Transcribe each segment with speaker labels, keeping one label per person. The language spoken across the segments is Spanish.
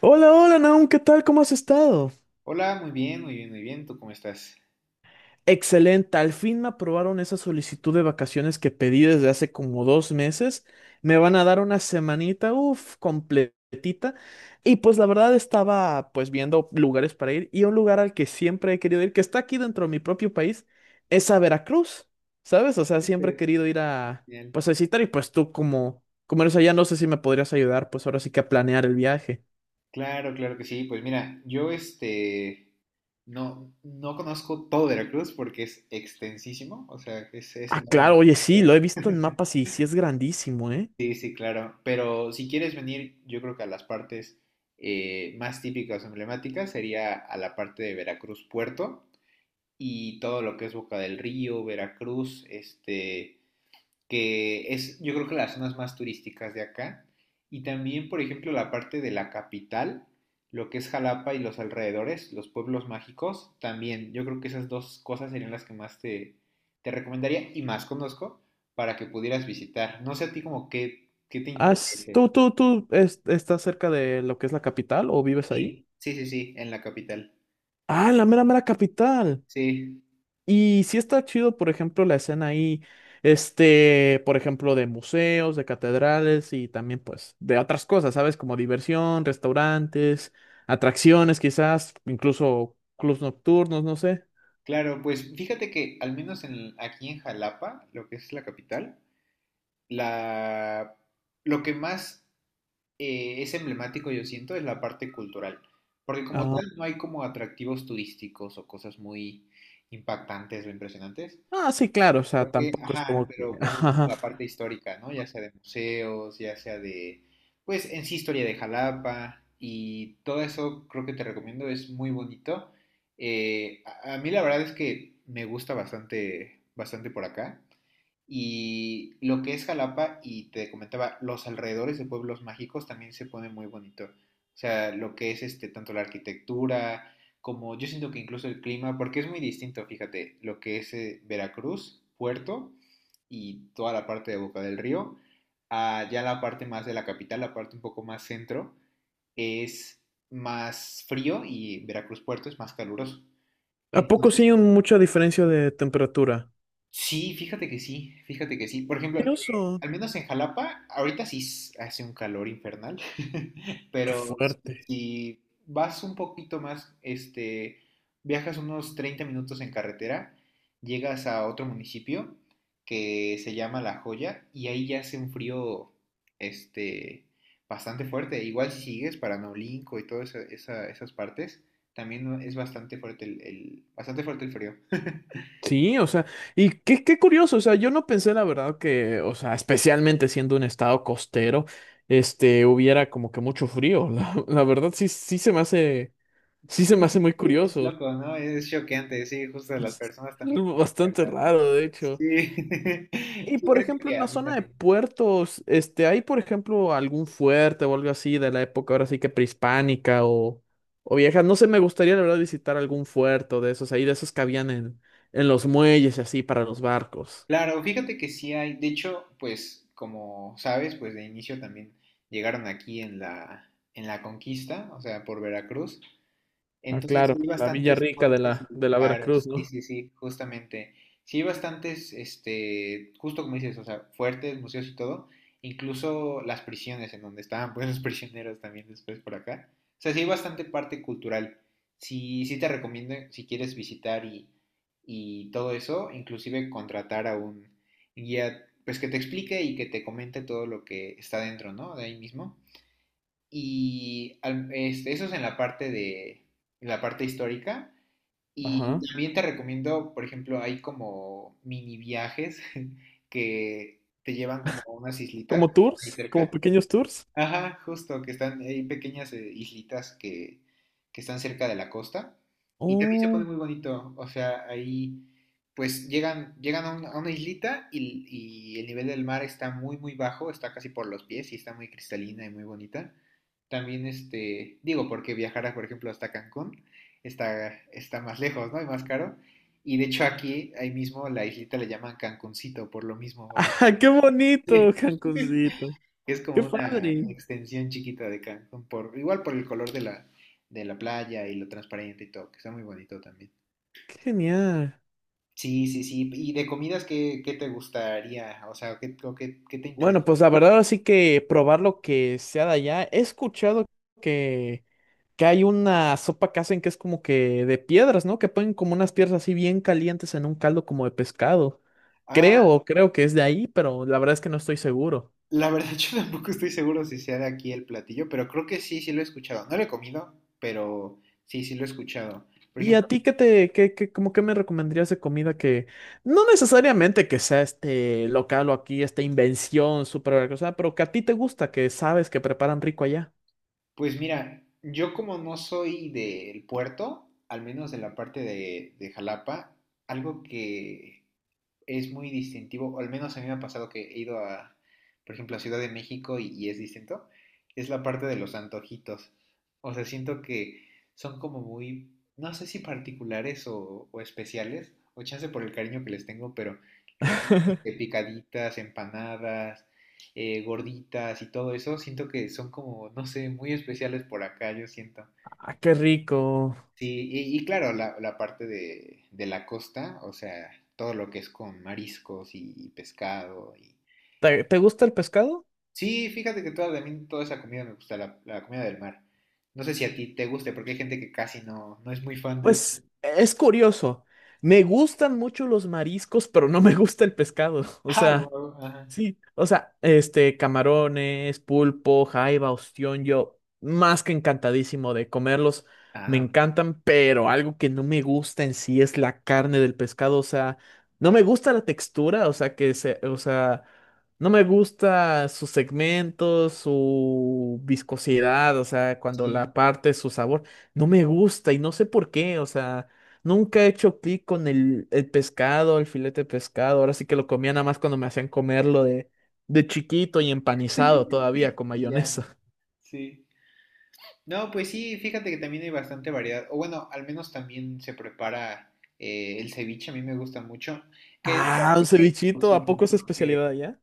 Speaker 1: Hola, hola, Naum, ¿qué tal? ¿Cómo has estado?
Speaker 2: Hola, muy bien. ¿Tú cómo estás?
Speaker 1: Excelente, al fin me aprobaron esa solicitud de vacaciones que pedí desde hace como dos meses. Me van a dar una semanita, completita. Y pues la verdad estaba viendo lugares para ir, y un lugar al que siempre he querido ir, que está aquí dentro de mi propio país, es a Veracruz, ¿sabes? O sea, siempre he
Speaker 2: Entonces,
Speaker 1: querido ir a
Speaker 2: Bien.
Speaker 1: pues a visitar, y pues tú como eres allá, no sé si me podrías ayudar pues ahora sí que a planear el viaje.
Speaker 2: Claro que sí. Pues mira, yo este no, no conozco todo Veracruz porque es extensísimo, o sea, es
Speaker 1: Ah,
Speaker 2: enorme.
Speaker 1: claro, oye, sí, lo he visto en mapas y sí es grandísimo, ¿eh?
Speaker 2: Sí, sí, claro. Pero si quieres venir, yo creo que a las partes más típicas o emblemáticas sería a la parte de Veracruz Puerto y todo lo que es Boca del Río, Veracruz, este, que es, yo creo que, las zonas más turísticas de acá. Y también, por ejemplo, la parte de la capital, lo que es Jalapa y los alrededores, los pueblos mágicos, también yo creo que esas dos cosas serían las que te recomendaría y más conozco para que pudieras visitar. No sé a ti como qué, qué te
Speaker 1: Has-
Speaker 2: interese.
Speaker 1: ¿tú, tú, tú es- estás cerca de lo que es la capital o vives ahí?
Speaker 2: Sí, sí, sí, en la capital.
Speaker 1: Ah, la mera, mera capital.
Speaker 2: Sí,
Speaker 1: Y sí está chido, por ejemplo, la escena ahí, por ejemplo, de museos, de catedrales y también, pues, de otras cosas, ¿sabes? Como diversión, restaurantes, atracciones, quizás, incluso clubs nocturnos, no sé.
Speaker 2: claro, pues fíjate que aquí en Jalapa, lo que es la capital, la, lo que más es emblemático, yo siento, es la parte cultural. Porque como
Speaker 1: Ah,
Speaker 2: tal no hay como atractivos turísticos o cosas muy impactantes o impresionantes.
Speaker 1: sí, claro, o sea,
Speaker 2: Porque,
Speaker 1: tampoco es
Speaker 2: ajá,
Speaker 1: como que...
Speaker 2: pero pues es
Speaker 1: Ajá.
Speaker 2: como la parte histórica, ¿no? Ya sea de museos, pues en sí historia de Jalapa y todo eso, creo que te recomiendo, es muy bonito. A mí la verdad es que me gusta bastante por acá. Y lo que es Jalapa, y te comentaba, los alrededores de pueblos mágicos también se pone muy bonito. O sea, lo que es este, tanto la arquitectura, como yo siento que incluso el clima, porque es muy distinto, fíjate, lo que es Veracruz Puerto y toda la parte de Boca del Río, a ya la parte más de la capital, la parte un poco más centro, es más frío, y Veracruz Puerto es más caluroso.
Speaker 1: ¿A poco sí
Speaker 2: Entonces,
Speaker 1: hay mucha diferencia de temperatura?
Speaker 2: Sí, fíjate que sí. Por ejemplo,
Speaker 1: Curioso.
Speaker 2: al menos en Jalapa, ahorita hace un calor infernal,
Speaker 1: Qué
Speaker 2: pero
Speaker 1: fuerte.
Speaker 2: si vas un poquito más, este, viajas unos 30 minutos en carretera, llegas a otro municipio que se llama La Joya y ahí ya hace un frío, este, bastante fuerte. Igual si sigues para Naolinco y todas esas partes, también es bastante fuerte bastante fuerte el frío.
Speaker 1: Sí, o sea, y qué curioso, o sea, yo no pensé la verdad que, o sea, especialmente siendo un estado costero, hubiera como que mucho frío. La verdad sí, sí
Speaker 2: Sí,
Speaker 1: se me hace muy
Speaker 2: sí, es
Speaker 1: curioso.
Speaker 2: loco, ¿no? Es choqueante, sí, justo las
Speaker 1: Es
Speaker 2: personas también
Speaker 1: algo
Speaker 2: con las que he
Speaker 1: bastante
Speaker 2: hablado.
Speaker 1: raro, de
Speaker 2: Sí,
Speaker 1: hecho. Y
Speaker 2: sí,
Speaker 1: por
Speaker 2: creo
Speaker 1: ejemplo, en
Speaker 2: que a
Speaker 1: la
Speaker 2: mí
Speaker 1: zona de
Speaker 2: también.
Speaker 1: puertos, ¿hay por ejemplo algún fuerte o algo así de la época ahora sí que prehispánica o vieja? No sé, me gustaría la verdad visitar algún fuerte de esos ahí, de esos que habían en los muelles y así para los barcos.
Speaker 2: Claro, fíjate que sí hay, de hecho, pues como sabes, pues de inicio también llegaron aquí en la conquista, o sea, por Veracruz.
Speaker 1: Ah,
Speaker 2: Entonces sí
Speaker 1: claro,
Speaker 2: hay
Speaker 1: la Villa
Speaker 2: bastantes
Speaker 1: Rica de
Speaker 2: fuertes y
Speaker 1: de la Veracruz,
Speaker 2: claros, sí,
Speaker 1: ¿no?
Speaker 2: sí, sí, justamente. Sí hay bastantes, este, justo como dices, o sea, fuertes, museos y todo, incluso las prisiones en donde estaban pues los prisioneros también después por acá. O sea, sí hay bastante parte cultural. Sí, sí te recomiendo si quieres y todo eso, inclusive contratar a un guía, pues que te explique y que te comente todo lo que está dentro, ¿no? De ahí mismo. Eso es en la parte de, en la parte histórica. Y
Speaker 1: Ajá.
Speaker 2: también te recomiendo, por ejemplo, hay como mini viajes que te llevan como a unas islitas que
Speaker 1: ¿Como
Speaker 2: están ahí
Speaker 1: tours? ¿Como
Speaker 2: cerca.
Speaker 1: pequeños tours?
Speaker 2: Ajá, Justo, hay pequeñas islitas que están cerca de la costa. Y también se pone
Speaker 1: Oh.
Speaker 2: muy bonito, o sea, ahí llegan a, a una islita, y el nivel del mar está muy bajo, está casi por los pies y está muy cristalina y muy bonita. También, este, digo, porque viajar, por ejemplo, hasta Cancún está más lejos, ¿no? Y más caro. Y de hecho aquí, ahí mismo, la islita le llaman Cancuncito por lo mismo, o sea,
Speaker 1: ¡Ah, qué
Speaker 2: que-
Speaker 1: bonito, Cancuncito!
Speaker 2: es
Speaker 1: ¡Qué
Speaker 2: como una
Speaker 1: padre!
Speaker 2: extensión chiquita de Cancún, por, igual por el color de de la playa y lo transparente y todo, que está muy bonito también.
Speaker 1: ¡Qué genial!
Speaker 2: Sí, sí, sí. ¿Y de comidas qué, qué te gustaría? O sea, ¿qué, qué te interesa?
Speaker 1: Bueno, pues la verdad así que probar lo que sea de allá. He escuchado que, que hay una sopa que hacen que es como que de piedras, ¿no? Que ponen como unas piedras así bien calientes en un caldo como de pescado.
Speaker 2: Ah,
Speaker 1: Creo que es de ahí, pero la verdad es que no estoy seguro.
Speaker 2: la verdad, yo tampoco estoy seguro si sea de aquí el platillo, pero creo que sí, sí lo he escuchado. No lo he comido, pero sí, sí lo he escuchado. Por
Speaker 1: ¿Y
Speaker 2: ejemplo,
Speaker 1: a ti qué te, qué, qué, como qué me recomendarías de comida que no necesariamente que sea este local o aquí, esta invención súper cosa, pero que a ti te gusta, que sabes que preparan rico allá?
Speaker 2: Pues mira, yo como no soy del puerto, al menos de la parte de Jalapa, algo que es muy distintivo, o al menos a mí me ha pasado que he ido a, por ejemplo, a Ciudad de México, y es distinto, es la parte de los antojitos. O sea, siento que son como no sé si particulares o especiales, o chance por el cariño que les tengo, pero lo que son este, picaditas, empanadas, gorditas y todo eso, siento que son como, no sé, muy especiales por acá, yo siento.
Speaker 1: Ah, qué rico.
Speaker 2: Sí, y claro, la parte de la costa, o sea, todo lo que es con mariscos y pescado. Y...
Speaker 1: ¿Te gusta el pescado?
Speaker 2: Sí, fíjate que toda, también toda esa comida me gusta, la comida del mar. No sé si a ti te guste, porque hay gente que casi no, no es muy fan de eso.
Speaker 1: Pues es curioso. Me gustan mucho los mariscos, pero no me gusta el pescado. O
Speaker 2: Ah,
Speaker 1: sea.
Speaker 2: wow, ajá.
Speaker 1: Sí, o sea, camarones, pulpo, jaiba, ostión, yo más que encantadísimo de comerlos, me
Speaker 2: Ah, ok.
Speaker 1: encantan, pero algo que no me gusta en sí es la carne del pescado, o sea, no me gusta la textura, o sea, no me gusta sus segmentos, su viscosidad, o sea, cuando la
Speaker 2: Sí,
Speaker 1: parte, su sabor, no me gusta y no sé por qué, o sea, nunca he hecho clic con el pescado, el filete de pescado. Ahora sí que lo comía nada más cuando me hacían comerlo de chiquito y empanizado todavía con
Speaker 2: y ya, ¿no?
Speaker 1: mayonesa.
Speaker 2: Sí. No, pues sí, fíjate que también hay bastante variedad. O bueno, al menos también se prepara el ceviche, a mí me gusta mucho. Que es, la
Speaker 1: Ah,
Speaker 2: verdad
Speaker 1: un
Speaker 2: es que hay
Speaker 1: cevichito, ¿a poco
Speaker 2: discusión,
Speaker 1: es
Speaker 2: ¿no?
Speaker 1: especialidad allá?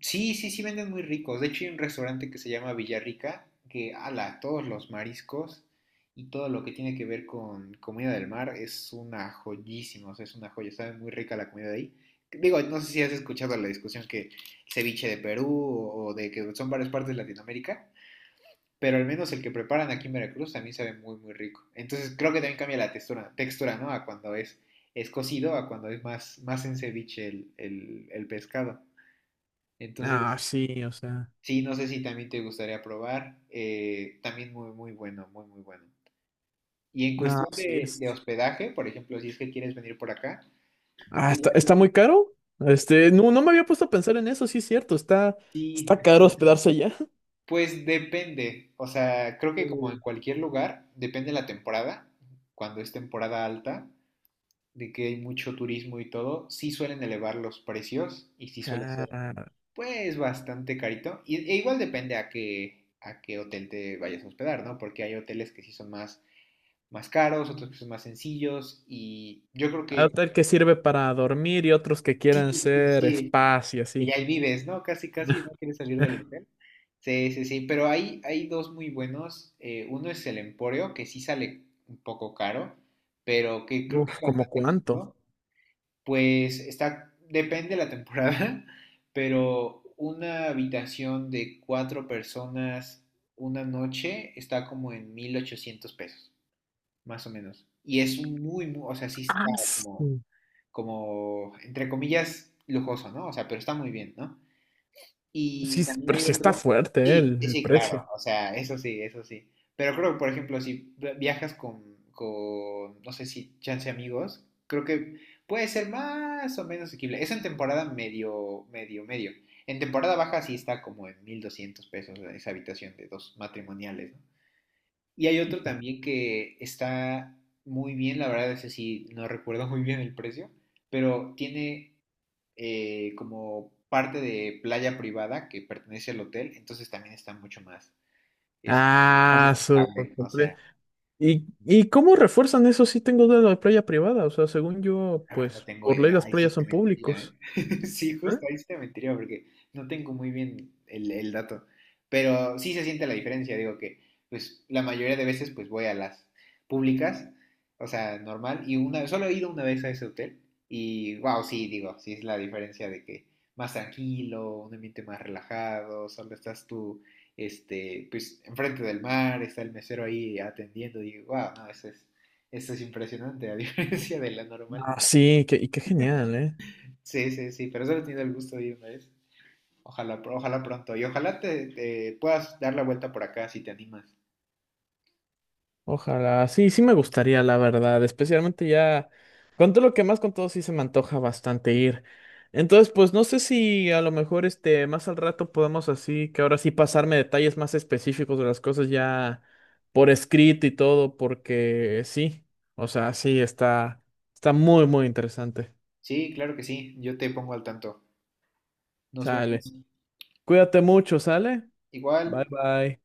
Speaker 2: Sí, sí, sí venden muy ricos. De hecho, hay un restaurante que se llama Villarrica, que ala, todos los mariscos y todo lo que tiene que ver con comida del mar es una joyísima, o sea, es una joya, sabe muy rica la comida de ahí. Digo, no sé si has escuchado la discusión que ceviche de Perú o de que son varias partes de Latinoamérica, pero al menos el que preparan aquí en Veracruz también sabe muy rico. Entonces creo que también cambia la textura, ¿no? A cuando es cocido, a cuando es más en ceviche el pescado.
Speaker 1: Ah,
Speaker 2: Entonces,
Speaker 1: sí, o sea.
Speaker 2: sí, no sé si también te gustaría probar. También muy, muy bueno, muy, muy bueno. Y en
Speaker 1: Ah,
Speaker 2: cuestión
Speaker 1: sí es.
Speaker 2: de hospedaje, por ejemplo, si es que quieres venir por acá,
Speaker 1: Ah,
Speaker 2: hay
Speaker 1: está, está
Speaker 2: varios-
Speaker 1: muy caro. Este, no, no me había puesto a pensar en eso, sí es cierto. Está,
Speaker 2: y,
Speaker 1: está caro hospedarse allá.
Speaker 2: pues depende, o sea, creo que como en
Speaker 1: Uy,
Speaker 2: cualquier lugar, depende la temporada. Cuando es temporada alta, de que hay mucho turismo y todo, sí suelen elevar los precios, y sí suele ser
Speaker 1: cara.
Speaker 2: pues bastante carito. E igual depende a qué hotel te vayas a hospedar, ¿no? Porque hay hoteles que sí son más, más caros, otros que son más sencillos, y yo creo
Speaker 1: Hay
Speaker 2: que
Speaker 1: hotel que sirve para dormir y otros que
Speaker 2: sí,
Speaker 1: quieren
Speaker 2: sí,
Speaker 1: ser
Speaker 2: sí,
Speaker 1: spas y
Speaker 2: y
Speaker 1: así.
Speaker 2: ahí vives, ¿no? Casi, casi no quieres salir del hotel. Sí, sí, sí, pero hay dos muy buenos. Uno es el Emporio, que sí sale un poco caro, pero que creo que
Speaker 1: Uf,
Speaker 2: es
Speaker 1: ¿como
Speaker 2: bastante
Speaker 1: cuánto?
Speaker 2: cómodo. Pues está, depende de la temporada, pero una habitación de cuatro personas una noche está como en 1,800 pesos, más o menos. Y es un muy, o sea, sí
Speaker 1: Ah,
Speaker 2: está
Speaker 1: sí,
Speaker 2: como, entre comillas, lujoso, ¿no? O sea, pero está muy bien, ¿no?
Speaker 1: sí,
Speaker 2: Y también
Speaker 1: pero
Speaker 2: hay
Speaker 1: sí está
Speaker 2: otro.
Speaker 1: fuerte,
Speaker 2: Sí, sí,
Speaker 1: el
Speaker 2: sí, claro.
Speaker 1: precio.
Speaker 2: O sea, eso sí, eso sí. Pero creo que, por ejemplo, si viajas con no sé si chance amigos, creo que puede ser más o menos asequible. Es en temporada medio. En temporada baja sí está como en 1,200 pesos esa habitación de dos matrimoniales, ¿no? Y hay otro también que está muy bien, la verdad, ese sí no recuerdo muy bien el precio, pero tiene como parte de playa privada que pertenece al hotel, entonces también está mucho más, es más
Speaker 1: Ah, su
Speaker 2: estable, o
Speaker 1: comple-
Speaker 2: sea,
Speaker 1: y cómo refuerzan eso si tengo de la playa privada? O sea, según yo,
Speaker 2: la verdad no
Speaker 1: pues
Speaker 2: tengo
Speaker 1: por ley
Speaker 2: idea,
Speaker 1: las
Speaker 2: ahí sí
Speaker 1: playas
Speaker 2: te
Speaker 1: son
Speaker 2: mentiría, ¿eh?
Speaker 1: públicos.
Speaker 2: Sí,
Speaker 1: ¿Eh?
Speaker 2: justo ahí sí te mentiría porque no tengo muy bien el dato. Pero sí se siente la diferencia, digo que pues la mayoría de veces pues voy a las públicas, o sea, normal, y una solo he ido una vez a ese hotel, y wow, sí, digo, sí es la diferencia de que más tranquilo, un ambiente más relajado, solo estás tú, este, pues enfrente del mar, está el mesero ahí atendiendo, y wow, no, eso es impresionante, a diferencia de la normal.
Speaker 1: Ah, sí, que y qué genial, ¿eh?
Speaker 2: Sí, sí, sí, pero solo he tenido el gusto de ir una vez. Ojalá, ojalá pronto. Y ojalá te puedas dar la vuelta por acá si te animas.
Speaker 1: Ojalá, sí, sí me gustaría, la verdad, especialmente ya, con todo lo que más con todo sí se me antoja bastante ir. Entonces, pues no sé si a lo mejor este, más al rato podemos así, que ahora sí pasarme detalles más específicos de las cosas ya por escrito y todo, porque sí, o sea, sí, está, está muy, muy interesante.
Speaker 2: Sí, claro que sí. Yo te pongo al tanto. Nos vemos.
Speaker 1: Sale. Cuídate mucho, ¿sale? Bye,
Speaker 2: Igual.
Speaker 1: bye.